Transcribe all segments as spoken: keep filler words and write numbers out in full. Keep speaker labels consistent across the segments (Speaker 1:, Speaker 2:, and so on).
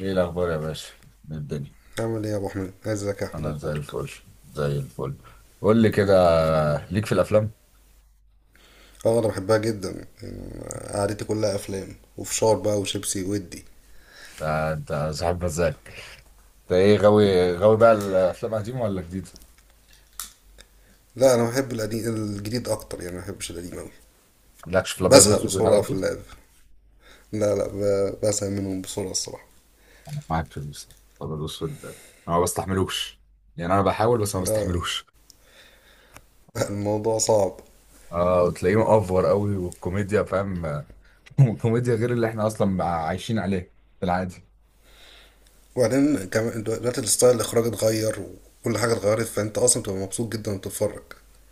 Speaker 1: ايه الاخبار يا باشا؟ إيه الدنيا؟
Speaker 2: عامل ايه يا ابو احمد، ازيك يا احمد،
Speaker 1: انا زي
Speaker 2: اخبارك؟
Speaker 1: الفل، زي الفل قول لي كده، ليك في الافلام؟
Speaker 2: اه، انا بحبها جدا يعني. قعدتي كلها افلام وفشار بقى وشيبسي ودي.
Speaker 1: آه، انت صاحب مزاج. انت ايه، غاوي غاوي بقى الافلام قديمه ولا جديده؟
Speaker 2: لا، انا بحب القديم الجديد اكتر يعني، ما بحبش القديم اوي.
Speaker 1: مالكش في الابيض
Speaker 2: بزهق
Speaker 1: والاسود
Speaker 2: بسرعه
Speaker 1: والحاجات
Speaker 2: في
Speaker 1: دي؟
Speaker 2: اللعب. لا لا، ب- بزهق منهم بسرعه الصراحه.
Speaker 1: معاك في الابيض والاسود، انا ما بستحملوش، يعني انا بحاول بس ما
Speaker 2: اه،
Speaker 1: بستحملوش.
Speaker 2: الموضوع صعب.
Speaker 1: اه، وتلاقيه مأفور قوي، والكوميديا فاهم. كوميديا غير اللي احنا اصلا عايشين عليه في العادي.
Speaker 2: وبعدين كمان دلوقتي الستايل الاخراج اتغير وكل حاجه اتغيرت، فانت اصلا بتبقى مبسوط جدا وانت بتتفرج.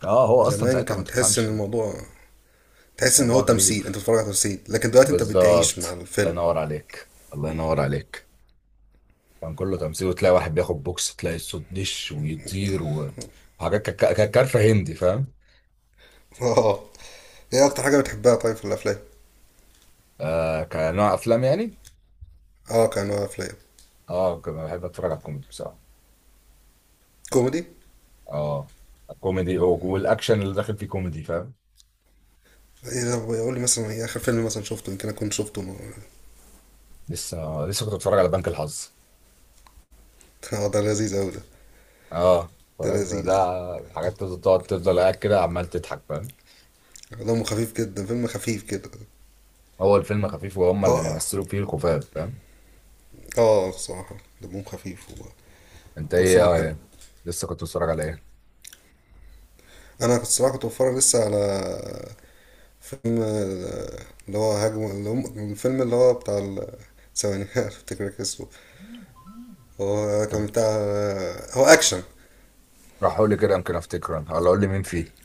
Speaker 1: اه، هو اصلا
Speaker 2: زمان
Speaker 1: ساعتها ما
Speaker 2: كان تحس ان
Speaker 1: تفهمش.
Speaker 2: الموضوع، تحس ان هو
Speaker 1: الموضوع غريب،
Speaker 2: تمثيل، انت بتتفرج على تمثيل. لكن دلوقتي انت بتعيش
Speaker 1: بالظبط.
Speaker 2: مع
Speaker 1: الله
Speaker 2: الفيلم.
Speaker 1: ينور عليك، الله ينور عليك. كان كله تمثيل، وتلاقي واحد بياخد بوكس تلاقي الصوت دش ويطير، و- وحاجات كانت كا- كانت كارفه هندي فاهم.
Speaker 2: اه، ايه اكتر حاجه بتحبها طيب في الافلام؟
Speaker 1: آه كنوع افلام يعني.
Speaker 2: اه، كانوا افلام
Speaker 1: اه كنت بحب اتفرج على الكوميدي بصراحه.
Speaker 2: كوميدي.
Speaker 1: اه، الكوميدي و- والاكشن اللي داخل فيه كوميدي فاهم.
Speaker 2: اذا بيقول لي مثلا ايه اخر فيلم مثلا شفته، يمكن اكون شفته ما-
Speaker 1: لسه لسه كنت بتفرج على بنك الحظ.
Speaker 2: اه، ده لذيذ اوي ده.
Speaker 1: اه
Speaker 2: ده
Speaker 1: فاهم ده.
Speaker 2: لذيذ.
Speaker 1: حاجات تفضل تقعد، تفضل قاعد كده عمال تضحك فاهم.
Speaker 2: دمه خفيف جدا، فيلم خفيف كده.
Speaker 1: هو الفيلم خفيف، وهم
Speaker 2: اه،
Speaker 1: اللي
Speaker 2: اه.
Speaker 1: بيمثلوا فيه الخفاف فاهم.
Speaker 2: اه، الصراحه دمهم خفيف.
Speaker 1: انت ايه؟
Speaker 2: وتمثيلهم
Speaker 1: آه
Speaker 2: حلو.
Speaker 1: يعني. لسه كنت بتتفرج على ايه؟
Speaker 2: انا كنت الصراحه كنت بتفرج لسه على فيلم، آه، اللي هو هجم، اللي هم- الفيلم اللي هو بتاع ال- ثواني. افتكر لك اسمه. هو كان
Speaker 1: انت
Speaker 2: بتاع، آه، هو اكشن.
Speaker 1: راح اقول لي كده يمكن افتكر انا، ولا اقول لي مين فيه.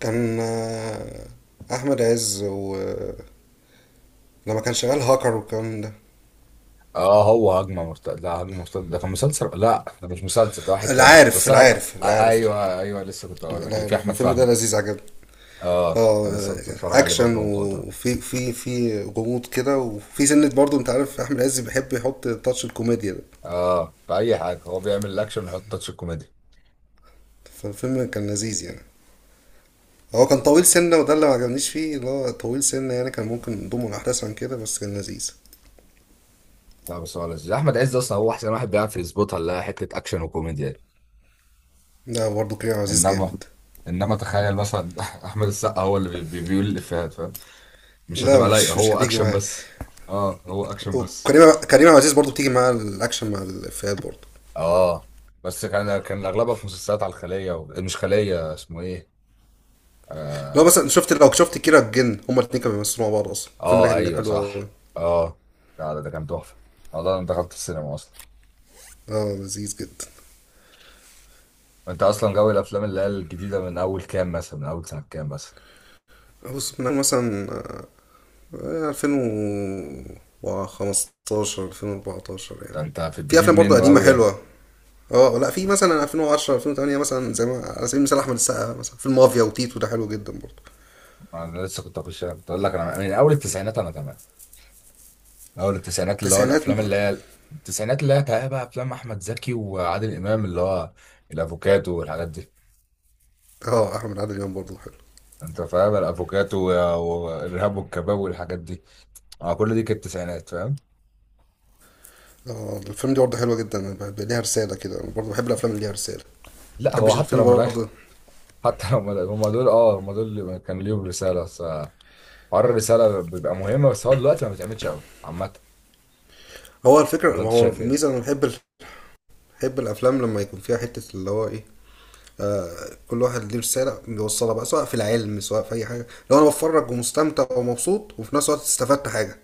Speaker 2: كان آه، احمد عز ولما كان شغال هاكر والكلام ده.
Speaker 1: اه هو هجمه مرتد، لا هجمه مرتد ده كان مسلسل، لا ده مش مسلسل، ده واحد تاني،
Speaker 2: العارف
Speaker 1: بس انا.
Speaker 2: العارف
Speaker 1: آه،
Speaker 2: العارف
Speaker 1: ايوه ايوه، لسه كنت اقول لك اللي فيه
Speaker 2: العارف
Speaker 1: احمد
Speaker 2: الفيلم ده
Speaker 1: فهمي.
Speaker 2: لذيذ عجبني.
Speaker 1: اه
Speaker 2: اه،
Speaker 1: أنا لسه
Speaker 2: آه،
Speaker 1: كنت بتفرج عليه
Speaker 2: اكشن،
Speaker 1: برضه من فتره.
Speaker 2: وفي في في غموض كده، وفي سنة برضه، انت عارف احمد عز بيحب يحط تاتش الكوميديا ده.
Speaker 1: اه، في اي حاجه هو بيعمل الاكشن ويحط تاتش الكوميديا.
Speaker 2: فالفيلم كان لذيذ يعني. هو كان طويل سنة، وده اللي ما عجبنيش فيه اللي هو طويل سنة، يعني كان ممكن نضمه الأحداث عن كده، بس كان لذيذ.
Speaker 1: لا بس هو لذيذ، احمد عز اصلا هو احسن واحد بيعرف يظبطها اللي هي حته اكشن وكوميديا دي.
Speaker 2: لا، برضه كريم عبد العزيز
Speaker 1: انما،
Speaker 2: جامد.
Speaker 1: انما تخيل مثلا احمد السقا هو اللي بي- بي- بيقول الافيهات فاهم. مش
Speaker 2: لا،
Speaker 1: هتبقى لايقه،
Speaker 2: مش مش
Speaker 1: هو
Speaker 2: هتيجي
Speaker 1: اكشن
Speaker 2: معايا.
Speaker 1: بس. اه هو اكشن بس.
Speaker 2: وكريم كريم عبد العزيز برضه بتيجي مع الاكشن مع الافيهات برضه.
Speaker 1: اه بس كان، كان اغلبها في مسلسلات على الخليه و... مش خليه، اسمه ايه؟
Speaker 2: لو
Speaker 1: اه.
Speaker 2: مثلا شفت لو شفت كيرة الجن، هما الاتنين كانوا بيمثلوا مع بعض اصلا، الفيلم ده
Speaker 1: آه
Speaker 2: كان
Speaker 1: ايوه
Speaker 2: حلو قوي.
Speaker 1: صح. اه لا ده, ده كان تحفه، والله انا دخلت السينما اصلا.
Speaker 2: اه، لذيذ جدا.
Speaker 1: انت اصلا غاوي الافلام اللي هي الجديده من اول كام مثلا، من اول سنه كام مثلا؟
Speaker 2: بص، من مثلا آه، ألفين وخمستاشر ألفين واربعتاشر
Speaker 1: ده
Speaker 2: يعني.
Speaker 1: انت في
Speaker 2: في
Speaker 1: الجديد
Speaker 2: افلام برضه
Speaker 1: منه
Speaker 2: قديمه
Speaker 1: قوي يعني.
Speaker 2: حلوه. اه، لا، في مثلا ألفين وعشرة ألفين وتمانية مثلا، زي ما على سبيل المثال احمد السقا مثلا فيلم مافيا وتيتو، ده حلو جدا برضه.
Speaker 1: انا لسه كنت اخش كنت اقول لك، انا من اول التسعينات انا تمام، من اول التسعينات اللي هو
Speaker 2: التسعينات م-
Speaker 1: الافلام اللي هي التسعينات اللي هي بقى افلام احمد زكي وعادل امام اللي هو الافوكاتو والحاجات دي.
Speaker 2: اه، احمد عادل امام برضه حلو.
Speaker 1: انت فاهم الافوكاتو والارهاب والكباب والحاجات دي، اه كل دي كانت التسعينات فاهم.
Speaker 2: اه، الفيلم دي برضه حلوه جدا، أنا بحب- ليها رساله كده، انا برضه بحب الافلام اللي ليها رساله، ما
Speaker 1: لا هو
Speaker 2: بحبش
Speaker 1: حتى
Speaker 2: الفيلم
Speaker 1: لو ملاش.
Speaker 2: برضه.
Speaker 1: حتى لو ملا- هم دول، اه هم دول اللي كان ليهم رساله، بس حوار الرساله بيبقى مهم، بس هو دلوقتي ما بيتعملش قوي عامه.
Speaker 2: هو الفكره
Speaker 1: ولا انت
Speaker 2: هو
Speaker 1: شايف ايه؟
Speaker 2: الميزه، انا بحب ال- بحب الافلام لما يكون فيها حته اللي هو ايه، آه كل واحد ليه رساله بيوصلها بقى، سواء في العلم سواء في اي حاجه. لو انا بتفرج ومستمتع ومبسوط وفي نفس الوقت استفدت حاجه.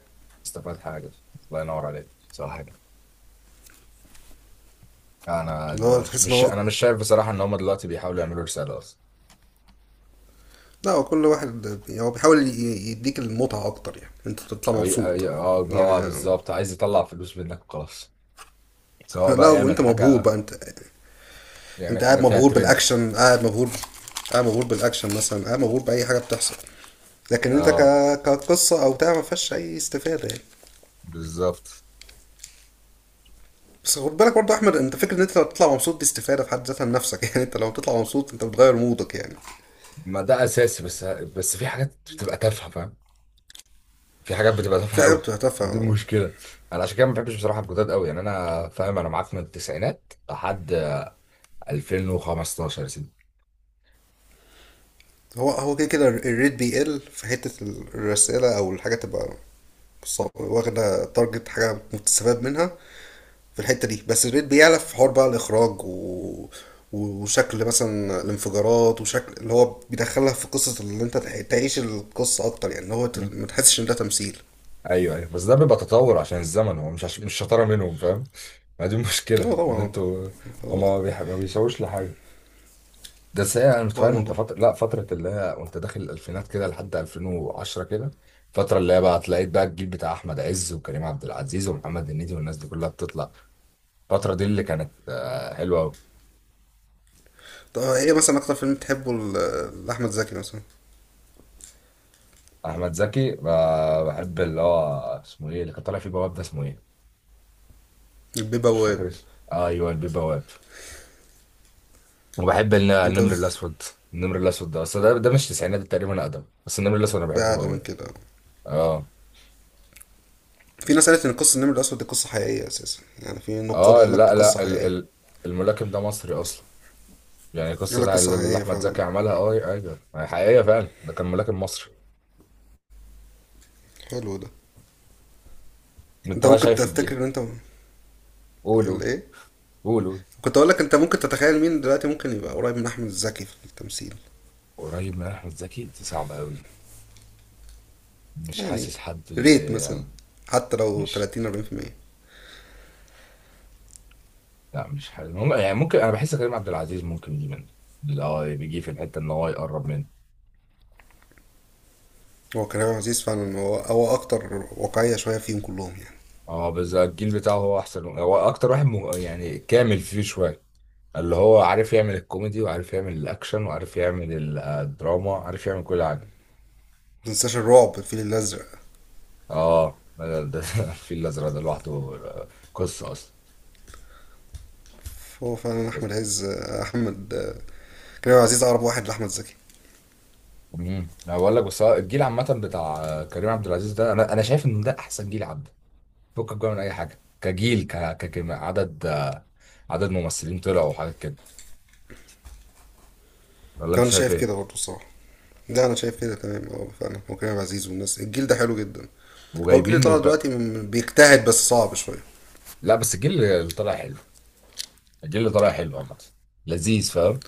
Speaker 1: استفاد حاجه. الله ينور عليك، صح كده. انا
Speaker 2: اللي
Speaker 1: ده
Speaker 2: هو
Speaker 1: مش
Speaker 2: تحس ان
Speaker 1: مش-
Speaker 2: هو،
Speaker 1: انا مش شايف بصراحه ان هم دلوقتي بيحاولوا يعملوا رساله اصلا.
Speaker 2: لا، هو كل واحد يعني هو بيحاول ي- يديك المتعه اكتر، يعني انت تطلع
Speaker 1: أو ي-
Speaker 2: مبسوط.
Speaker 1: أي- اه هو
Speaker 2: يعني،
Speaker 1: بالظبط عايز يطلع فلوس منك وخلاص، سواء
Speaker 2: لا
Speaker 1: بقى يعمل
Speaker 2: وانت مبهور
Speaker 1: حاجه،
Speaker 2: بقى انت.
Speaker 1: يعمل
Speaker 2: انت
Speaker 1: حاجه
Speaker 2: قاعد
Speaker 1: فيها
Speaker 2: مبهور
Speaker 1: ترند.
Speaker 2: بالاكشن، قاعد مبهور. قاعد مبهور بالاكشن مثلا، قاعد مبهور باي حاجه بتحصل. لكن انت ك...
Speaker 1: اه
Speaker 2: كقصه او بتاع ما فيهاش اي استفاده يعني.
Speaker 1: بالظبط.
Speaker 2: بس خد بالك برضه يا احمد، انت فكره ان انت لو بتطلع مبسوط دي استفاده في حد ذاتها لنفسك. يعني انت لو بتطلع مبسوط انت بتغير مودك يعني.
Speaker 1: ما ده اساسي، بس بس في حاجات بتبقى تافهه فاهم، في حاجات بتبقى تافهه
Speaker 2: في حاجه
Speaker 1: قوي،
Speaker 2: بتبقى
Speaker 1: دي
Speaker 2: تافهه.
Speaker 1: المشكله. انا عشان كده ما بحبش بصراحه الجداد قوي، يعني انا فاهم، انا معاك من التسعينات لحد ألفين وخمستاشر يا سيدي.
Speaker 2: هو هو كده كده الريت بيقل في حته الرساله او الحاجه تبقى صعبة، واخده تارجت حاجه مستفاد منها في الحته دي. بس البيت بيعلى في حوار بقى الاخراج، و... وشكل مثلا الانفجارات، وشكل اللي هو بيدخلها في قصه اللي انت تع- تعيش القصه اكتر، يعني اللي هو ت-
Speaker 1: مم.
Speaker 2: ما تحسش ان ده تمثيل.
Speaker 1: ايوه ايوه، بس ده بيبقى تطور عشان الزمن، هو مش عش... مش شطاره منهم فاهم. ما دي
Speaker 2: اه
Speaker 1: المشكله ان
Speaker 2: طبعا.
Speaker 1: انتوا،
Speaker 2: هو
Speaker 1: هما ما بيح... ما بيسووش لحاجه. ده ساعة، انا
Speaker 2: هو
Speaker 1: فاهم انت
Speaker 2: الموضوع.
Speaker 1: فتره لا فتره اللي هي وانت داخل الالفينات كده لحد ألفين وعشرة كده، الفتره اللي هي بقى تلاقيت بقى الجيل بتاع احمد عز وكريم عبد العزيز ومحمد هنيدي والناس دي كلها بتطلع. الفترة دي اللي كانت آه، حلوة أوي.
Speaker 2: طب ايه مثلا اكتر فيلم تحبه ل- لاحمد زكي مثلا؟
Speaker 1: أحمد زكي، ب- بحب اللي هو اسمه إيه اللي كان طالع فيه بواب، ده اسمه إيه؟
Speaker 2: البيه
Speaker 1: مش
Speaker 2: بواب.
Speaker 1: فاكر اسمه، آه، أيوه البيه بواب. وبحب الن-
Speaker 2: انت
Speaker 1: النمر
Speaker 2: بت-
Speaker 1: الأسود. النمر الأسود ده أصل ده ده مش تسعينات، ده تقريبا أقدم، بس النمر الأسود أنا
Speaker 2: ده
Speaker 1: بحبه
Speaker 2: اعلى
Speaker 1: أوي
Speaker 2: من
Speaker 1: يعني.
Speaker 2: كده.
Speaker 1: آه.
Speaker 2: في ناس قالت ان قصه النمر الاسود دي قصه حقيقيه اساسا، يعني في نقاد
Speaker 1: آه
Speaker 2: قال لك دي
Speaker 1: لا
Speaker 2: قصه
Speaker 1: لا ال
Speaker 2: حقيقيه.
Speaker 1: ال الملاكم ده مصري أصلا، يعني القصة
Speaker 2: قال لك
Speaker 1: بتاع
Speaker 2: قصه
Speaker 1: اللي اللي
Speaker 2: حقيقيه
Speaker 1: أحمد
Speaker 2: فعلا.
Speaker 1: زكي عملها. أه أيوه أيوه. يعني حقيقية فعلا، ده كان ملاكم مصري.
Speaker 2: حلو ده.
Speaker 1: أنت
Speaker 2: انت
Speaker 1: بقى
Speaker 2: ممكن
Speaker 1: شايف
Speaker 2: تفتكر
Speaker 1: الجهد.
Speaker 2: ان انت،
Speaker 1: قول قول.
Speaker 2: الايه،
Speaker 1: قول قول.
Speaker 2: كنت اقول لك انت ممكن تتخيل مين دلوقتي ممكن يبقى قريب من احمد زكي في التمثيل؟
Speaker 1: قريب من أحمد زكي دي صعبة أوي، مش
Speaker 2: يعني
Speaker 1: حاسس حد
Speaker 2: ريت مثلا
Speaker 1: يعني.
Speaker 2: حتى لو
Speaker 1: مش
Speaker 2: تلاتين أربعين بالمية.
Speaker 1: لا مش حلو، مم- يعني ممكن، انا بحس كريم عبد العزيز ممكن يجي منه، اللي هو بيجي في الحته ان هو يقرب منه.
Speaker 2: هو كريم عزيز فعلا، هو هو اكتر واقعية شوية فيهم كلهم يعني.
Speaker 1: اه بس الجيل بتاعه هو احسن، هو اكتر واحد مه... يعني كامل فيه شويه، اللي هو عارف يعمل الكوميدي وعارف يعمل الاكشن وعارف يعمل ال- آه، الدراما، عارف يعمل كل حاجه.
Speaker 2: متنساش الرعب، الفيل الازرق.
Speaker 1: اه ده ده الفيل الازرق ده لوحده آه، قصه اصلا.
Speaker 2: هو فعلا احمد عز احمد كريم عزيز اقرب واحد لاحمد زكي.
Speaker 1: امم انا بقول لك، بس هو الجيل عامه بتاع كريم عبد العزيز ده، انا انا شايف ان ده احسن جيل. فكك بقى من اي حاجه كجيل ك... ك... كم- عدد، آه، عدد ممثلين طلعوا وحاجات كده، ولا
Speaker 2: ده
Speaker 1: انت
Speaker 2: انا
Speaker 1: شايف
Speaker 2: شايف
Speaker 1: ايه؟
Speaker 2: كده برضه الصراحة. ده انا شايف كده تمام، اه فعلا هو كريم عزيز والناس الجيل ده حلو جدا. هو الجيل اللي
Speaker 1: وجايبين
Speaker 2: طالع
Speaker 1: وك...
Speaker 2: دلوقتي م- بيجتهد، بس صعب شوية.
Speaker 1: لا بس الجيل اللي طالع حلو، الجيل اللي طالع حلو عامه، لذيذ فاهم.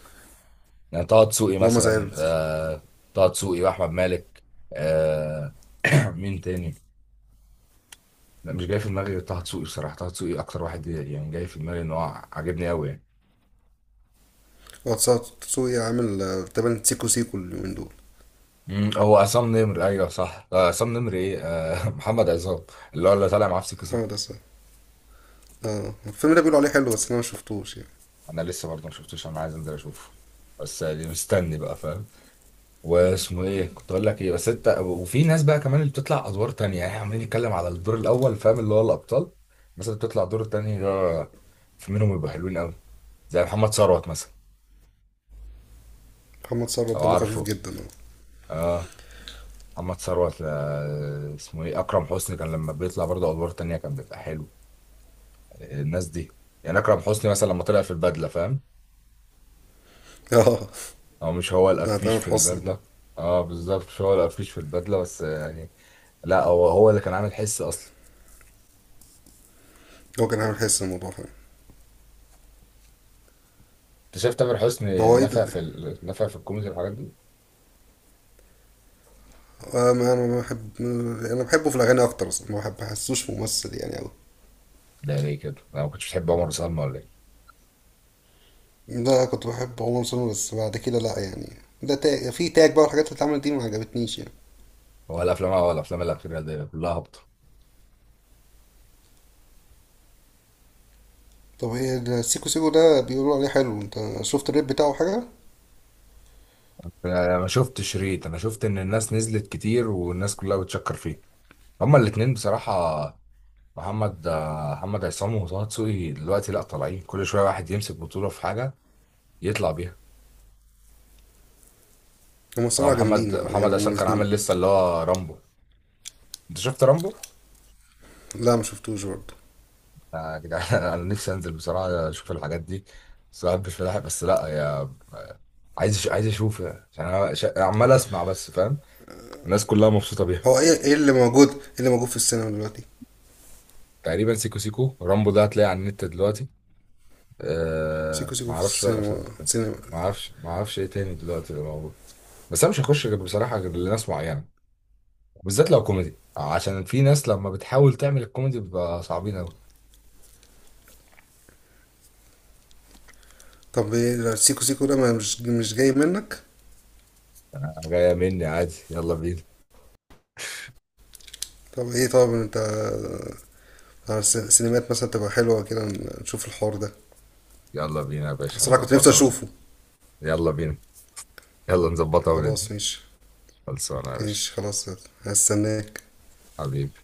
Speaker 1: يعني طه دسوقي
Speaker 2: اللي هما زي
Speaker 1: مثلا،
Speaker 2: البس.
Speaker 1: آه... طه دسوقي واحمد مالك. آه... مين تاني؟ لا مش جاي في دماغي غير طه دسوقي بصراحه، طه دسوقي اكتر واحد يعني جاي في دماغي ان هو عاجبني قوي يعني.
Speaker 2: واتساب تسوقي عامل آه، تقريبا سيكو سيكو اليومين دول.
Speaker 1: مم، هو عصام نمر، ايوه صح، آه، عصام نمر ايه؟ آه محمد عصام اللي هو اللي طالع معاه في سيكو
Speaker 2: اه،
Speaker 1: سيكو.
Speaker 2: ده صح. اه، الفيلم ده بيقولوا عليه حلو، بس انا ما شفتوش يعني.
Speaker 1: انا لسه برضه ما شفتوش، انا عايز انزل اشوفه، بس يعني مستني بقى فاهم. واسمه ايه كنت اقول لك ايه، بس انت وفي ناس بقى كمان اللي بتطلع ادوار تانية، يعني عمالين نتكلم على الدور الاول فاهم، اللي هو الابطال، بس اللي بتطلع دور تاني ده في منهم يبقوا حلوين قوي، زي محمد ثروت مثلا
Speaker 2: محمد ثروت
Speaker 1: لو
Speaker 2: دمه خفيف
Speaker 1: عارفه.
Speaker 2: جدا.
Speaker 1: اه محمد ثروت، آه، اسمه ايه، اكرم حسني كان لما بيطلع برضه ادوار تانية كان بيبقى حلو، الناس دي. يعني اكرم حسني مثلا لما طلع في البدله فاهم،
Speaker 2: اه، اه.
Speaker 1: او مش هو
Speaker 2: ده
Speaker 1: القفيش
Speaker 2: تامر
Speaker 1: في
Speaker 2: حسني.
Speaker 1: البدله؟ اه بالظبط، مش هو القفيش في البدله بس يعني، لا هو هو اللي كان عامل حس اصلا.
Speaker 2: هو كان عامل حس الموضوع فعلا.
Speaker 1: انت شايف تامر حسني
Speaker 2: هو ايه ده؟
Speaker 1: نفع في ال... نفع في الكوميدي والحاجات دي؟
Speaker 2: آه، ما انا ما بحب. انا بحبه في الاغاني اكتر اصلا، ما بحب بحسوش ممثل يعني قوي.
Speaker 1: ده ليه كده، انا ما كنتش بحب عمر وسلمى ولا ايه؟
Speaker 2: لا، كنت بحب عمر سلمى، بس بعد كده لا يعني، ده تاج في تاج بقى والحاجات اللي اتعملت دي ما عجبتنيش يعني.
Speaker 1: هو الافلام، هو الافلام الاخيره دي كلها هابطه.
Speaker 2: طب، ايه ده السيكو سيكو ده بيقولوا عليه حلو؟ انت شفت الريب بتاعه حاجه؟
Speaker 1: انا ما شفتش شريط، انا شفت ان الناس نزلت كتير والناس كلها بتشكر فيه. هما الاتنين بصراحه، محمد آه، محمد عصام وطه دسوقي دلوقتي لا طالعين كل شويه واحد يمسك بطوله في حاجه يطلع بيها.
Speaker 2: هما
Speaker 1: اه
Speaker 2: الصراحه
Speaker 1: محمد
Speaker 2: جامدين، اه يعني،
Speaker 1: محمد
Speaker 2: هما
Speaker 1: عصام كان
Speaker 2: الاثنين.
Speaker 1: عامل لسه اللي هو رامبو. انت شفت رامبو؟
Speaker 2: لا، ما شفتوش برضه.
Speaker 1: يا جدعان انا نفسي انزل بصراحه اشوف الحاجات دي، بس ما بحبش فلاحة بس لا يا، عايز عايز اشوف يعني، عشان انا ش- عمال اسمع بس فاهم، الناس كلها مبسوطه بيها.
Speaker 2: هو ايه، ايه اللي موجود ايه اللي موجود في السينما دلوقتي؟
Speaker 1: تقريبا سيكو سيكو، رامبو ده هتلاقيه على النت دلوقتي.
Speaker 2: سيكو
Speaker 1: أه
Speaker 2: سيكو
Speaker 1: ما
Speaker 2: في
Speaker 1: اعرفش بقى بس-
Speaker 2: السينما سينما.
Speaker 1: ما اعرفش ما اعرفش ايه تاني دلوقتي اللي موجود، بس انا مش هخش غير بصراحه غير لناس معينه، بالذات لو كوميدي عشان في ناس لما بتحاول تعمل الكوميدي بيبقى صعبين قوي.
Speaker 2: طب ايه ده سيكو سيكو ده، ما- مش مش جاي منك؟
Speaker 1: انا جايه مني عادي، يلا بينا.
Speaker 2: طب ايه طب انت على الس- السينمات مثلا تبقى حلوة كده، نشوف الحوار ده.
Speaker 1: يلا بينا يا باشا
Speaker 2: الصراحة كنت نفسي
Speaker 1: نظبطها.
Speaker 2: اشوفه.
Speaker 1: يلا بينا، يلا نظبطها
Speaker 2: خلاص
Speaker 1: وندي.
Speaker 2: ماشي.
Speaker 1: خلصانة يا باشا.
Speaker 2: ماشي خلاص. هستناك.
Speaker 1: حبيبي.